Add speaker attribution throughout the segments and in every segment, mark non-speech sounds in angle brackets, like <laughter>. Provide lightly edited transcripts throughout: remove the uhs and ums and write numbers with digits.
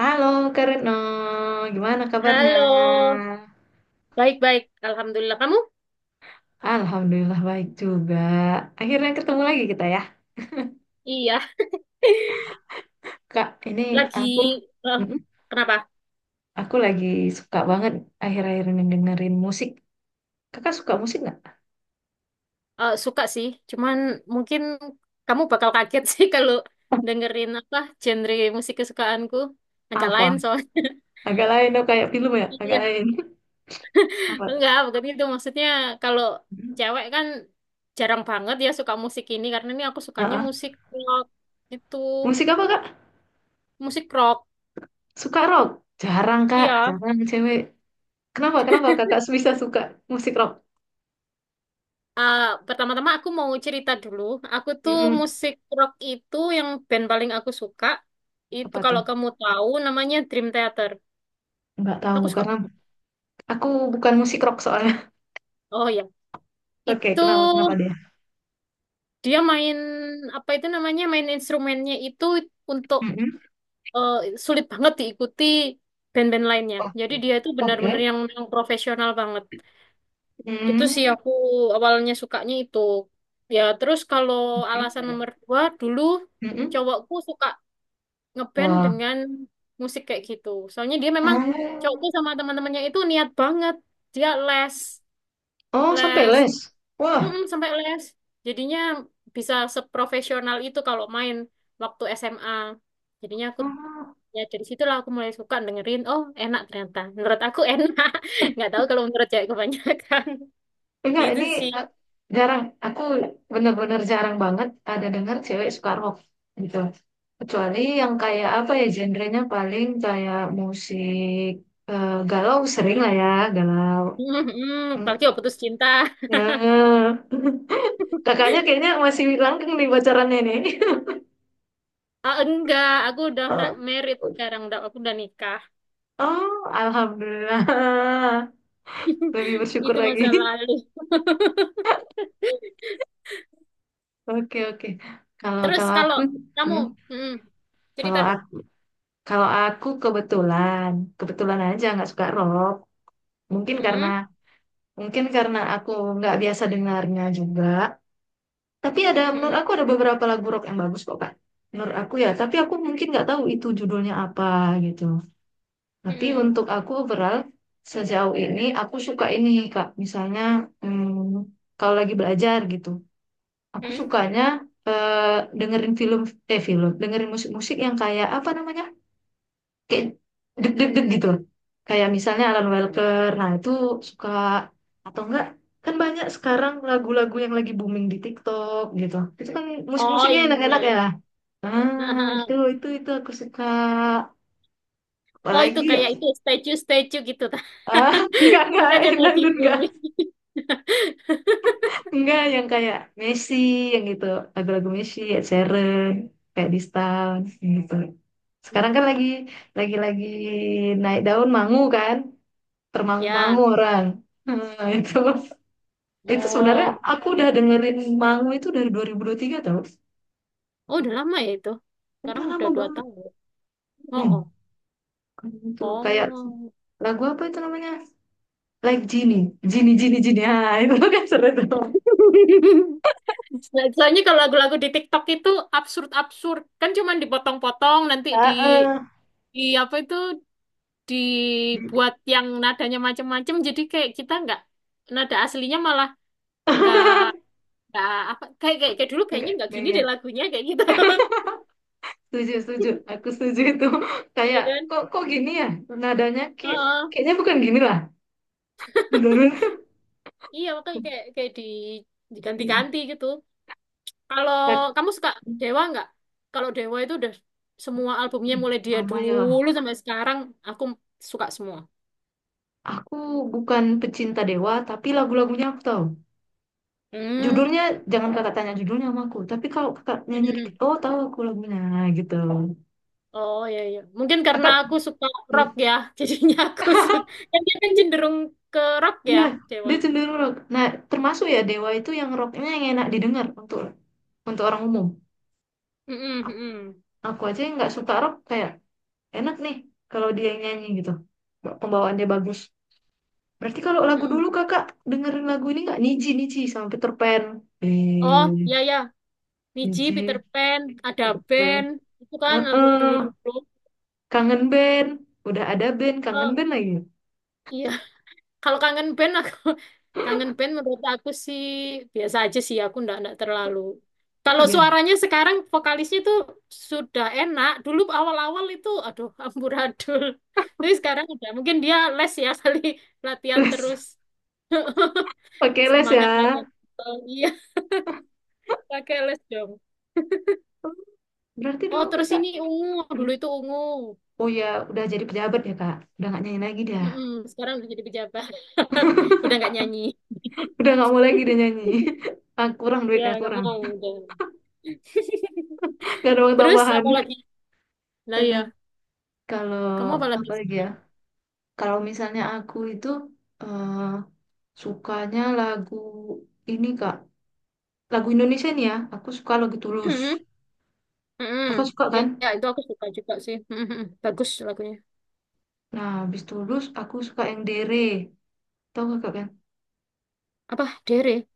Speaker 1: Halo Kak Retno, gimana kabarnya?
Speaker 2: Halo, baik-baik. Alhamdulillah. Kamu?
Speaker 1: Alhamdulillah baik juga. Akhirnya ketemu lagi kita ya.
Speaker 2: Iya, <laughs>
Speaker 1: Kak, ini
Speaker 2: lagi.
Speaker 1: aku
Speaker 2: eh,
Speaker 1: mm-mm,
Speaker 2: Kenapa?
Speaker 1: aku lagi suka banget akhir-akhir ini dengerin musik. Kakak suka musik nggak?
Speaker 2: Suka sih. Cuman mungkin kamu bakal kaget <laughs> sih kalau dengerin apa genre musik kesukaanku. Agak lain
Speaker 1: Apa?
Speaker 2: soalnya. <laughs>
Speaker 1: Agak lain dong kayak film ya, agak
Speaker 2: Iya,
Speaker 1: lain. <laughs> Apa tuh?
Speaker 2: enggak, bukan itu. Maksudnya kalau cewek kan jarang banget ya suka musik ini. Karena ini aku sukanya
Speaker 1: Heeh.
Speaker 2: musik rock itu.
Speaker 1: Musik apa Kak?
Speaker 2: Musik rock.
Speaker 1: Suka rock? Jarang Kak,
Speaker 2: Iya.
Speaker 1: jarang cewek. Kenapa? Kenapa Kakak bisa suka musik rock?
Speaker 2: Ah, pertama-tama aku mau cerita dulu. Aku tuh
Speaker 1: Mm-mm.
Speaker 2: musik rock itu yang band paling aku suka. Itu
Speaker 1: Apa tuh?
Speaker 2: kalau kamu tahu namanya Dream Theater.
Speaker 1: Nggak tahu
Speaker 2: Aku suka
Speaker 1: karena
Speaker 2: banget.
Speaker 1: aku bukan musik rock soalnya.
Speaker 2: Oh ya,
Speaker 1: Oke,
Speaker 2: itu
Speaker 1: kenapa kenapa dia?
Speaker 2: dia main apa itu namanya main instrumennya itu untuk
Speaker 1: Mm-mm.
Speaker 2: eh, sulit banget diikuti band-band lainnya.
Speaker 1: Oh,
Speaker 2: Jadi dia itu
Speaker 1: oke.
Speaker 2: benar-benar yang profesional banget. Itu sih
Speaker 1: Mm.
Speaker 2: aku awalnya sukanya itu. Ya terus kalau alasan nomor 2 dulu
Speaker 1: Mm-mm.
Speaker 2: cowokku suka ngeband
Speaker 1: Wah.
Speaker 2: dengan musik kayak gitu. Soalnya dia memang
Speaker 1: Oh,
Speaker 2: cowokku sama teman-temannya itu niat banget. Dia les,
Speaker 1: oh sampai
Speaker 2: les,
Speaker 1: les. Wah,
Speaker 2: mm-mm, sampai les. Jadinya bisa seprofesional itu kalau main waktu SMA. Jadinya aku
Speaker 1: oh,
Speaker 2: ya dari situlah aku mulai suka dengerin. Oh, enak ternyata. Menurut aku enak. <laughs> Nggak tahu kalau menurut cewek kebanyakan. <laughs>
Speaker 1: enggak
Speaker 2: Gitu
Speaker 1: ini,
Speaker 2: sih.
Speaker 1: eh, jarang. Aku bener-bener jarang banget ada dengar cewek suka rock gitu. Kecuali yang kayak apa ya genrenya, paling kayak musik galau, sering lah ya galau.
Speaker 2: Mm-mm,
Speaker 1: Hmm.
Speaker 2: apalagi waktu putus cinta.
Speaker 1: Nah, <laughs> kakaknya kayaknya masih langgeng nih pacarannya nih.
Speaker 2: Ah, enggak, aku udah
Speaker 1: <laughs>
Speaker 2: married
Speaker 1: Oh,
Speaker 2: sekarang. Udah, aku udah nikah.
Speaker 1: oh, alhamdulillah. <laughs> Lebih
Speaker 2: <laughs>
Speaker 1: bersyukur
Speaker 2: Itu masa
Speaker 1: lagi.
Speaker 2: lalu. <laughs>
Speaker 1: <laughs> Oke, oke. Kalau
Speaker 2: Terus
Speaker 1: kalau
Speaker 2: kalau
Speaker 1: aku
Speaker 2: kamu,
Speaker 1: hmm,
Speaker 2: mm, cerita
Speaker 1: kalau
Speaker 2: dong.
Speaker 1: aku kalau aku kebetulan, aja nggak suka rock. Mungkin karena
Speaker 2: Mm,
Speaker 1: mungkin karena aku nggak biasa dengarnya juga. Tapi ada, menurut
Speaker 2: mm,
Speaker 1: aku ada beberapa lagu rock yang bagus kok, Kak. Menurut aku ya, tapi aku mungkin nggak tahu itu judulnya apa gitu. Tapi
Speaker 2: mm,
Speaker 1: untuk aku overall, sejauh ini aku suka ini, Kak. Misalnya kalau lagi belajar gitu. Aku
Speaker 2: mm.
Speaker 1: sukanya eh, dengerin film eh film, dengerin musik-musik yang kayak apa namanya? Kayak deg-deg-deg gitu loh. Kayak misalnya Alan Walker. Nah, itu suka atau enggak? Kan banyak sekarang lagu-lagu yang lagi booming di TikTok gitu. Itu kan
Speaker 2: Oh,
Speaker 1: musik-musiknya
Speaker 2: yang ya
Speaker 1: enak-enak ya.
Speaker 2: ya.
Speaker 1: Ah,
Speaker 2: <laughs>
Speaker 1: itu aku suka.
Speaker 2: Oh, itu
Speaker 1: Apalagi ya?
Speaker 2: kayak itu statue-statue gitu. <laughs> ta.
Speaker 1: Ah, <laughs>
Speaker 2: Itu
Speaker 1: enggak,
Speaker 2: kan yang
Speaker 1: enak
Speaker 2: lagi
Speaker 1: enggak.
Speaker 2: booming. <laughs>
Speaker 1: Enggak yang kayak Messi yang gitu, lagu-lagu Messi, Ed Sheeran, kayak Distance gitu.
Speaker 2: Hmm,
Speaker 1: Sekarang kan lagi naik daun mangu kan, termangu-mangu
Speaker 2: ya.
Speaker 1: orang. Nah, <laughs> itu sebenarnya
Speaker 2: Oh,
Speaker 1: aku udah dengerin mangu itu dari dua ribu tiga tau.
Speaker 2: oh udah lama ya itu.
Speaker 1: Udah
Speaker 2: Sekarang udah
Speaker 1: lama
Speaker 2: dua
Speaker 1: banget.
Speaker 2: tahun. Ya? Oh, oh.
Speaker 1: Hmm, Kan itu kayak
Speaker 2: Oh.
Speaker 1: lagu apa itu namanya? Like Genie, Genie, Genie, Genie. Ah, <laughs> itu kan seru tuh.
Speaker 2: <laughs> Soalnya kalau lagu-lagu di TikTok itu absurd-absurd, kan cuman dipotong-potong nanti di
Speaker 1: Ah, ah.
Speaker 2: di apa itu dibuat yang nadanya macam-macam jadi kayak kita nggak nada aslinya malah nggak
Speaker 1: <laughs>
Speaker 2: nggak apa kayak kayak, kayak dulu kayaknya nggak
Speaker 1: Enggak
Speaker 2: gini deh
Speaker 1: ingat.
Speaker 2: lagunya kayak gitu.
Speaker 1: <laughs> Setuju, setuju.
Speaker 2: <laughs>
Speaker 1: Aku setuju itu. <laughs>
Speaker 2: Iya
Speaker 1: Kayak
Speaker 2: kan?
Speaker 1: kok kok gini ya nadanya, kayak
Speaker 2: Heeh.
Speaker 1: kayaknya bukan gini lah. Bener-bener.
Speaker 2: Iya makanya kayak kayak di diganti-ganti gitu. Kalau kamu suka Dewa nggak, kalau Dewa itu udah semua albumnya mulai dia
Speaker 1: Lama ya.
Speaker 2: dulu sampai sekarang aku suka semua.
Speaker 1: Aku bukan pecinta Dewa, tapi lagu-lagunya aku tahu. Judulnya,
Speaker 2: Hmm.
Speaker 1: jangan kakak tanya judulnya sama aku. Tapi kalau kakak nyanyi dikit, oh,
Speaker 2: <laughs>
Speaker 1: tahu aku lagunya gitu.
Speaker 2: Oh iya iya. Mungkin karena
Speaker 1: Kakak,
Speaker 2: aku suka rock ya, <laughs> jadinya aku suka. Kan dia kan cenderung ke rock ya,
Speaker 1: iya, dia
Speaker 2: cewek.
Speaker 1: cenderung rock. Nah, termasuk ya Dewa itu, yang rocknya yang enak didengar untuk orang umum.
Speaker 2: Mm-mm,
Speaker 1: A-
Speaker 2: mm-mm,
Speaker 1: Aku aja yang nggak suka rock kayak, enak nih kalau dia yang nyanyi gitu. Pembawaannya bagus. Berarti kalau lagu dulu
Speaker 2: mm-mm.
Speaker 1: kakak dengerin lagu ini nggak? Niji Niji sama Peter Pan.
Speaker 2: Oh
Speaker 1: Eh,
Speaker 2: iya iya. Niji,
Speaker 1: Niji.
Speaker 2: Peter Pan, ada band. Itu kan lagu
Speaker 1: Heeh,
Speaker 2: dulu-dulu.
Speaker 1: kangen band. Udah ada band, kangen
Speaker 2: Oh,
Speaker 1: band lagi.
Speaker 2: iya. Kalau kangen band aku, <laughs> kangen band menurut aku sih biasa aja sih, aku ndak ndak terlalu.
Speaker 1: Oh
Speaker 2: Kalau
Speaker 1: iya,
Speaker 2: suaranya sekarang vokalisnya tuh sudah enak. Dulu awal-awal itu aduh amburadul. <laughs> Tapi sekarang udah mungkin dia les ya, <laughs> kali latihan
Speaker 1: les.
Speaker 2: terus. <laughs>
Speaker 1: Oke, les ya.
Speaker 2: Semangat latihan. Oh, iya, <laughs> pakai les dong.
Speaker 1: Berarti
Speaker 2: Oh,
Speaker 1: dulu
Speaker 2: terus
Speaker 1: kakak,
Speaker 2: ini ungu.
Speaker 1: hmm?
Speaker 2: Dulu itu ungu.
Speaker 1: Oh ya, udah jadi pejabat ya kak. Udah nggak nyanyi lagi dah.
Speaker 2: Mm-mm, sekarang udah jadi pejabat. <laughs> Udah nggak nyanyi. <laughs>
Speaker 1: Udah nggak mau lagi dia nyanyi. <laughs> Ah, kurang,
Speaker 2: Ya,
Speaker 1: duitnya
Speaker 2: nggak
Speaker 1: kurang.
Speaker 2: mau udah. <laughs>
Speaker 1: Nggak ada uang
Speaker 2: Terus
Speaker 1: tambahan.
Speaker 2: apalagi? Lah ya.
Speaker 1: Aduh. Kalau
Speaker 2: Kamu apa lagi?
Speaker 1: apa lagi ya? Kalau misalnya aku itu eh, sukanya lagu ini kak. Lagu Indonesia nih ya. Aku suka lagu Tulus.
Speaker 2: Hmm, hmm,
Speaker 1: Kakak suka
Speaker 2: ya,
Speaker 1: kan?
Speaker 2: ya, itu aku suka juga sih. Hmm, hmm, bagus lagunya.
Speaker 1: Nah, habis Tulus aku suka yang Dere. Tahu kakak kan?
Speaker 2: Apa? Dere?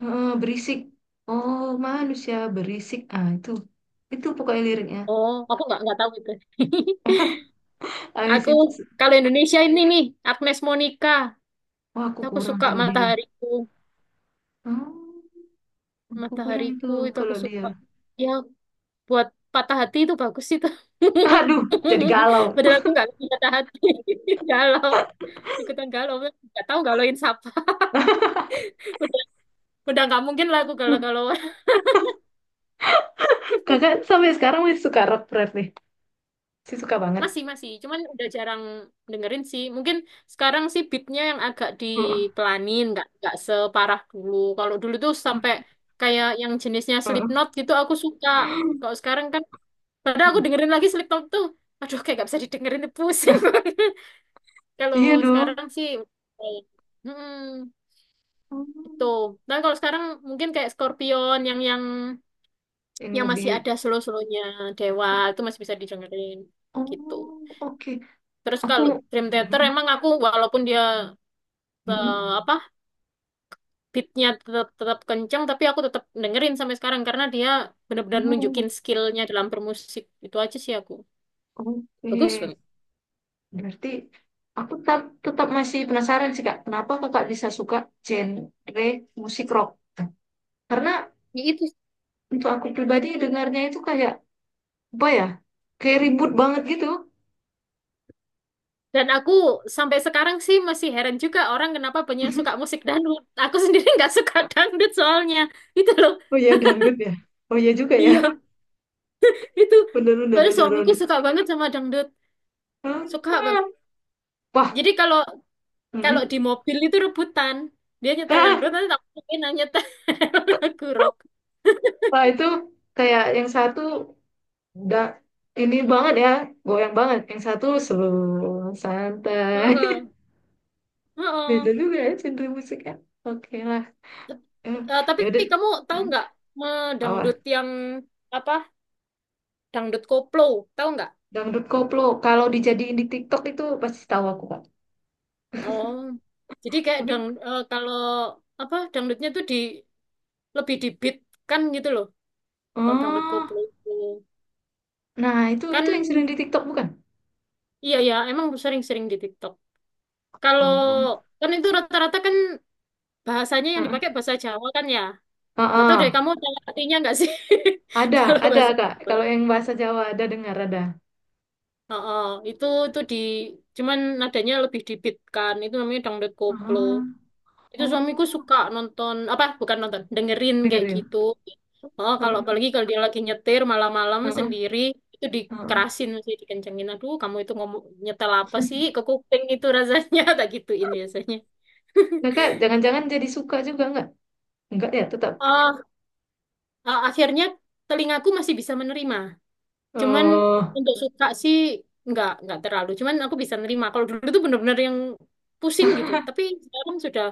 Speaker 1: Heeh, berisik. Oh, manusia berisik. Ah, itu. Itu pokoknya liriknya.
Speaker 2: Oh, aku nggak tahu itu. <laughs>
Speaker 1: <laughs> Habis
Speaker 2: Aku
Speaker 1: itu,
Speaker 2: kalau Indonesia ini nih Agnes Monica.
Speaker 1: wah, aku
Speaker 2: Aku
Speaker 1: kurang
Speaker 2: suka
Speaker 1: kalau dia.
Speaker 2: Matahariku.
Speaker 1: Oh, aku kurang itu
Speaker 2: Matahariku itu aku
Speaker 1: kalau dia.
Speaker 2: suka. Ya, buat patah hati itu bagus itu.
Speaker 1: Aduh, jadi
Speaker 2: <laughs>
Speaker 1: galau.
Speaker 2: Padahal aku nggak lagi patah hati. <laughs> Galau, ikutan galau. Nggak tahu galauin siapa. <laughs> Udah, udah nggak mungkin lah aku
Speaker 1: <laughs>
Speaker 2: galau-galauan.
Speaker 1: Kakak
Speaker 2: <laughs>
Speaker 1: sampai sekarang masih suka rock rap nih. Masih suka banget.
Speaker 2: Masih, masih. Cuman udah jarang dengerin sih. Mungkin sekarang sih beatnya yang agak
Speaker 1: <laughs> Heeh,
Speaker 2: dipelanin, nggak separah dulu. Kalau dulu tuh sampai kayak yang jenisnya
Speaker 1: heeh.
Speaker 2: Slipknot gitu aku suka. Kalau sekarang kan, padahal aku dengerin lagi Slipknot tuh, aduh kayak nggak bisa didengerin, pusing banget. <laughs> Kalau
Speaker 1: Iya dong.
Speaker 2: sekarang sih, eh, hmm,
Speaker 1: Oh,
Speaker 2: itu. Dan kalau sekarang mungkin kayak Scorpion yang
Speaker 1: yang
Speaker 2: yang
Speaker 1: lebih.
Speaker 2: masih ada slow-slownya, Dewa itu masih bisa didengerin gitu.
Speaker 1: Oh, oke.
Speaker 2: Terus
Speaker 1: Aku.
Speaker 2: kalau Dream Theater
Speaker 1: Mm,
Speaker 2: emang aku walaupun dia eh,
Speaker 1: mm,
Speaker 2: apa beatnya tetap tetap kenceng tapi aku tetap dengerin sampai sekarang karena dia
Speaker 1: mm.
Speaker 2: benar-benar
Speaker 1: Oh,
Speaker 2: nunjukin skillnya dalam bermusik itu aja sih aku bagus
Speaker 1: oke.
Speaker 2: banget.
Speaker 1: Berarti aku tetap masih penasaran sih Kak, kenapa Kakak bisa suka genre musik rock? Karena
Speaker 2: Ya, itu
Speaker 1: untuk aku pribadi dengarnya itu kayak apa ya? Kayak ribut banget gitu.
Speaker 2: dan aku sampai sekarang sih masih heran juga orang kenapa banyak yang suka
Speaker 1: <laughs>
Speaker 2: musik dangdut, aku sendiri nggak suka dangdut soalnya itu loh.
Speaker 1: Oh iya, dangdut ya. Oh iya juga ya.
Speaker 2: Iya itu
Speaker 1: <laughs> Bener bener
Speaker 2: baru
Speaker 1: bener
Speaker 2: suamiku
Speaker 1: bener. <laughs>
Speaker 2: suka banget sama dangdut,
Speaker 1: Ah,
Speaker 2: suka banget
Speaker 1: ah. Wah.
Speaker 2: jadi kalau kalau
Speaker 1: Mm.
Speaker 2: di mobil itu rebutan. Dia nyetel
Speaker 1: Ah,
Speaker 2: dangdut, nanti tak mungkin nyetel <laughs> lagu rock.
Speaker 1: wah, itu kayak yang satu udah ini banget ya, goyang banget. Yang satu slow, santai.
Speaker 2: Heeh.
Speaker 1: <laughs> Beda
Speaker 2: Heeh.
Speaker 1: juga ya genre musiknya. Oke lah. Eh,
Speaker 2: Eh, tapi
Speaker 1: ya udah.
Speaker 2: kamu tahu
Speaker 1: Hmm,
Speaker 2: nggak
Speaker 1: apa?
Speaker 2: dangdut yang apa? Dangdut koplo, tahu nggak?
Speaker 1: Dangdut koplo. Kalau dijadiin di TikTok itu pasti tahu aku, Kak.
Speaker 2: Oh, jadi kayak
Speaker 1: Tapi
Speaker 2: kalau apa dangdutnya tuh di lebih di beat kan gitu loh. Kalau dangdut
Speaker 1: oh,
Speaker 2: koplo itu
Speaker 1: nah itu
Speaker 2: kan
Speaker 1: itu yang sering di TikTok bukan?
Speaker 2: iya ya emang sering-sering di TikTok. Kalau
Speaker 1: Oh.
Speaker 2: kan itu rata-rata kan bahasanya yang
Speaker 1: Heeh.
Speaker 2: dipakai bahasa Jawa kan ya. Nggak tahu
Speaker 1: Heeh.
Speaker 2: deh kamu ada artinya nggak sih <laughs>
Speaker 1: Ada,
Speaker 2: kalau
Speaker 1: ada
Speaker 2: bahasa
Speaker 1: Kak.
Speaker 2: Jawa.
Speaker 1: Kalau yang bahasa Jawa ada dengar ada.
Speaker 2: Heeh, itu di cuman nadanya lebih dibitkan itu namanya dangdut koplo.
Speaker 1: Ah,
Speaker 2: Itu suamiku
Speaker 1: oh,
Speaker 2: suka nonton apa bukan nonton dengerin kayak
Speaker 1: dengerin.
Speaker 2: gitu. Oh, kalau
Speaker 1: Heeh.
Speaker 2: apalagi kalau dia lagi nyetir malam-malam
Speaker 1: Heeh.
Speaker 2: sendiri itu
Speaker 1: Heeh.
Speaker 2: dikerasin sih dikencengin. Aduh, kamu itu ngomong nyetel apa sih ke kuping itu rasanya <laughs> tak gituin biasanya.
Speaker 1: Kakak
Speaker 2: <laughs>
Speaker 1: jangan-jangan jadi suka juga nggak? Enggak ya, tetap.
Speaker 2: Oh, akhirnya telingaku masih bisa menerima. Cuman
Speaker 1: Oh.
Speaker 2: untuk suka sih nggak terlalu. Cuman aku bisa nerima. Kalau dulu tuh bener-bener yang pusing gitu.
Speaker 1: <laughs>
Speaker 2: Tapi sekarang sudah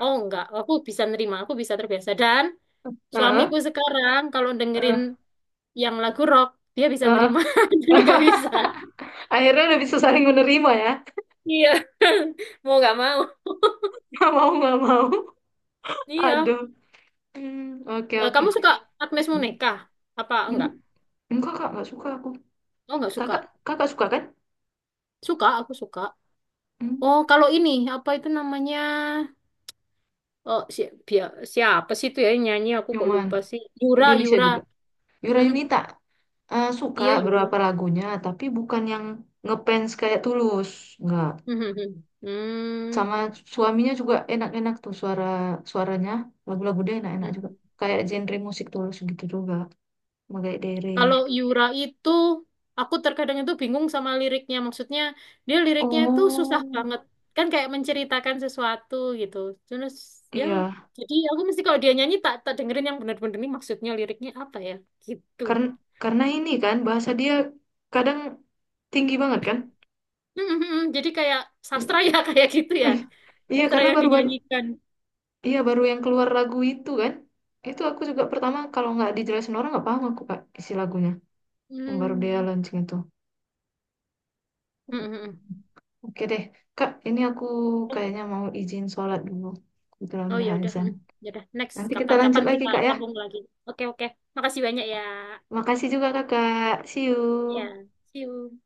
Speaker 2: oh nggak, aku bisa nerima, aku bisa terbiasa. Dan
Speaker 1: Heeh.
Speaker 2: suamiku sekarang kalau dengerin
Speaker 1: Heeh.
Speaker 2: yang lagu rock dia bisa
Speaker 1: Heeh.
Speaker 2: nerima. <laughs> Dulu nggak
Speaker 1: <laughs>
Speaker 2: bisa.
Speaker 1: Akhirnya udah bisa saling menerima ya.
Speaker 2: Iya, <laughs> mau nggak mau.
Speaker 1: <laughs> Mau nggak mau.
Speaker 2: Iya.
Speaker 1: Aduh. Hmm, oke
Speaker 2: Eh,
Speaker 1: oke.
Speaker 2: kamu suka Agnes
Speaker 1: Hmm,
Speaker 2: Monica? Apa enggak?
Speaker 1: Enggak kak, nggak suka aku.
Speaker 2: Oh nggak suka.
Speaker 1: Kakak, kakak suka kan?
Speaker 2: Suka, aku suka.
Speaker 1: Hmm,
Speaker 2: Oh kalau ini apa itu namanya? Oh, si, siapa sih itu ya yang nyanyi? Aku kok
Speaker 1: Cuman
Speaker 2: lupa sih. Yura,
Speaker 1: Indonesia
Speaker 2: Yura.
Speaker 1: juga. Yura
Speaker 2: Mm-mm.
Speaker 1: Yunita, suka
Speaker 2: Iya, Yura.
Speaker 1: beberapa lagunya, tapi bukan yang ngefans kayak Tulus, enggak.
Speaker 2: Mhm. Hmm.
Speaker 1: Sama suaminya juga enak-enak tuh suaranya, lagu-lagu dia enak-enak juga.
Speaker 2: Mhm.
Speaker 1: Kayak genre musik Tulus gitu juga, Magai Dere.
Speaker 2: Kalau Yura itu, aku terkadang itu bingung sama liriknya. Maksudnya, dia liriknya itu susah
Speaker 1: Oh,
Speaker 2: banget. Kan kayak menceritakan sesuatu gitu. Terus, ya.
Speaker 1: iya.
Speaker 2: Jadi aku mesti kalau dia nyanyi, tak dengerin yang benar-benar ini maksudnya liriknya apa ya. Gitu.
Speaker 1: Karena karena ini kan bahasa dia kadang tinggi banget kan?
Speaker 2: Mhm. Jadi kayak sastra ya, <laughs> kayak gitu ya.
Speaker 1: <laughs> Iya,
Speaker 2: Sastra
Speaker 1: karena
Speaker 2: yang
Speaker 1: baru-baru,
Speaker 2: dinyanyikan.
Speaker 1: iya, baru yang keluar lagu itu kan. Itu aku juga pertama, kalau nggak dijelasin orang nggak paham aku Kak isi lagunya. Yang baru dia
Speaker 2: Hmm.
Speaker 1: launching itu.
Speaker 2: Mhm.
Speaker 1: Oke deh Kak, ini aku kayaknya mau izin sholat dulu. Kebetulan
Speaker 2: Oh
Speaker 1: udah
Speaker 2: ya udah,
Speaker 1: azan.
Speaker 2: hmm, ya udah. Next,
Speaker 1: Nanti kita lanjut
Speaker 2: kapan-kapan
Speaker 1: lagi
Speaker 2: kita
Speaker 1: Kak ya.
Speaker 2: sambung lagi. Oke oke, makasih banyak ya.
Speaker 1: Makasih juga Kakak. See you.
Speaker 2: Ya, see you.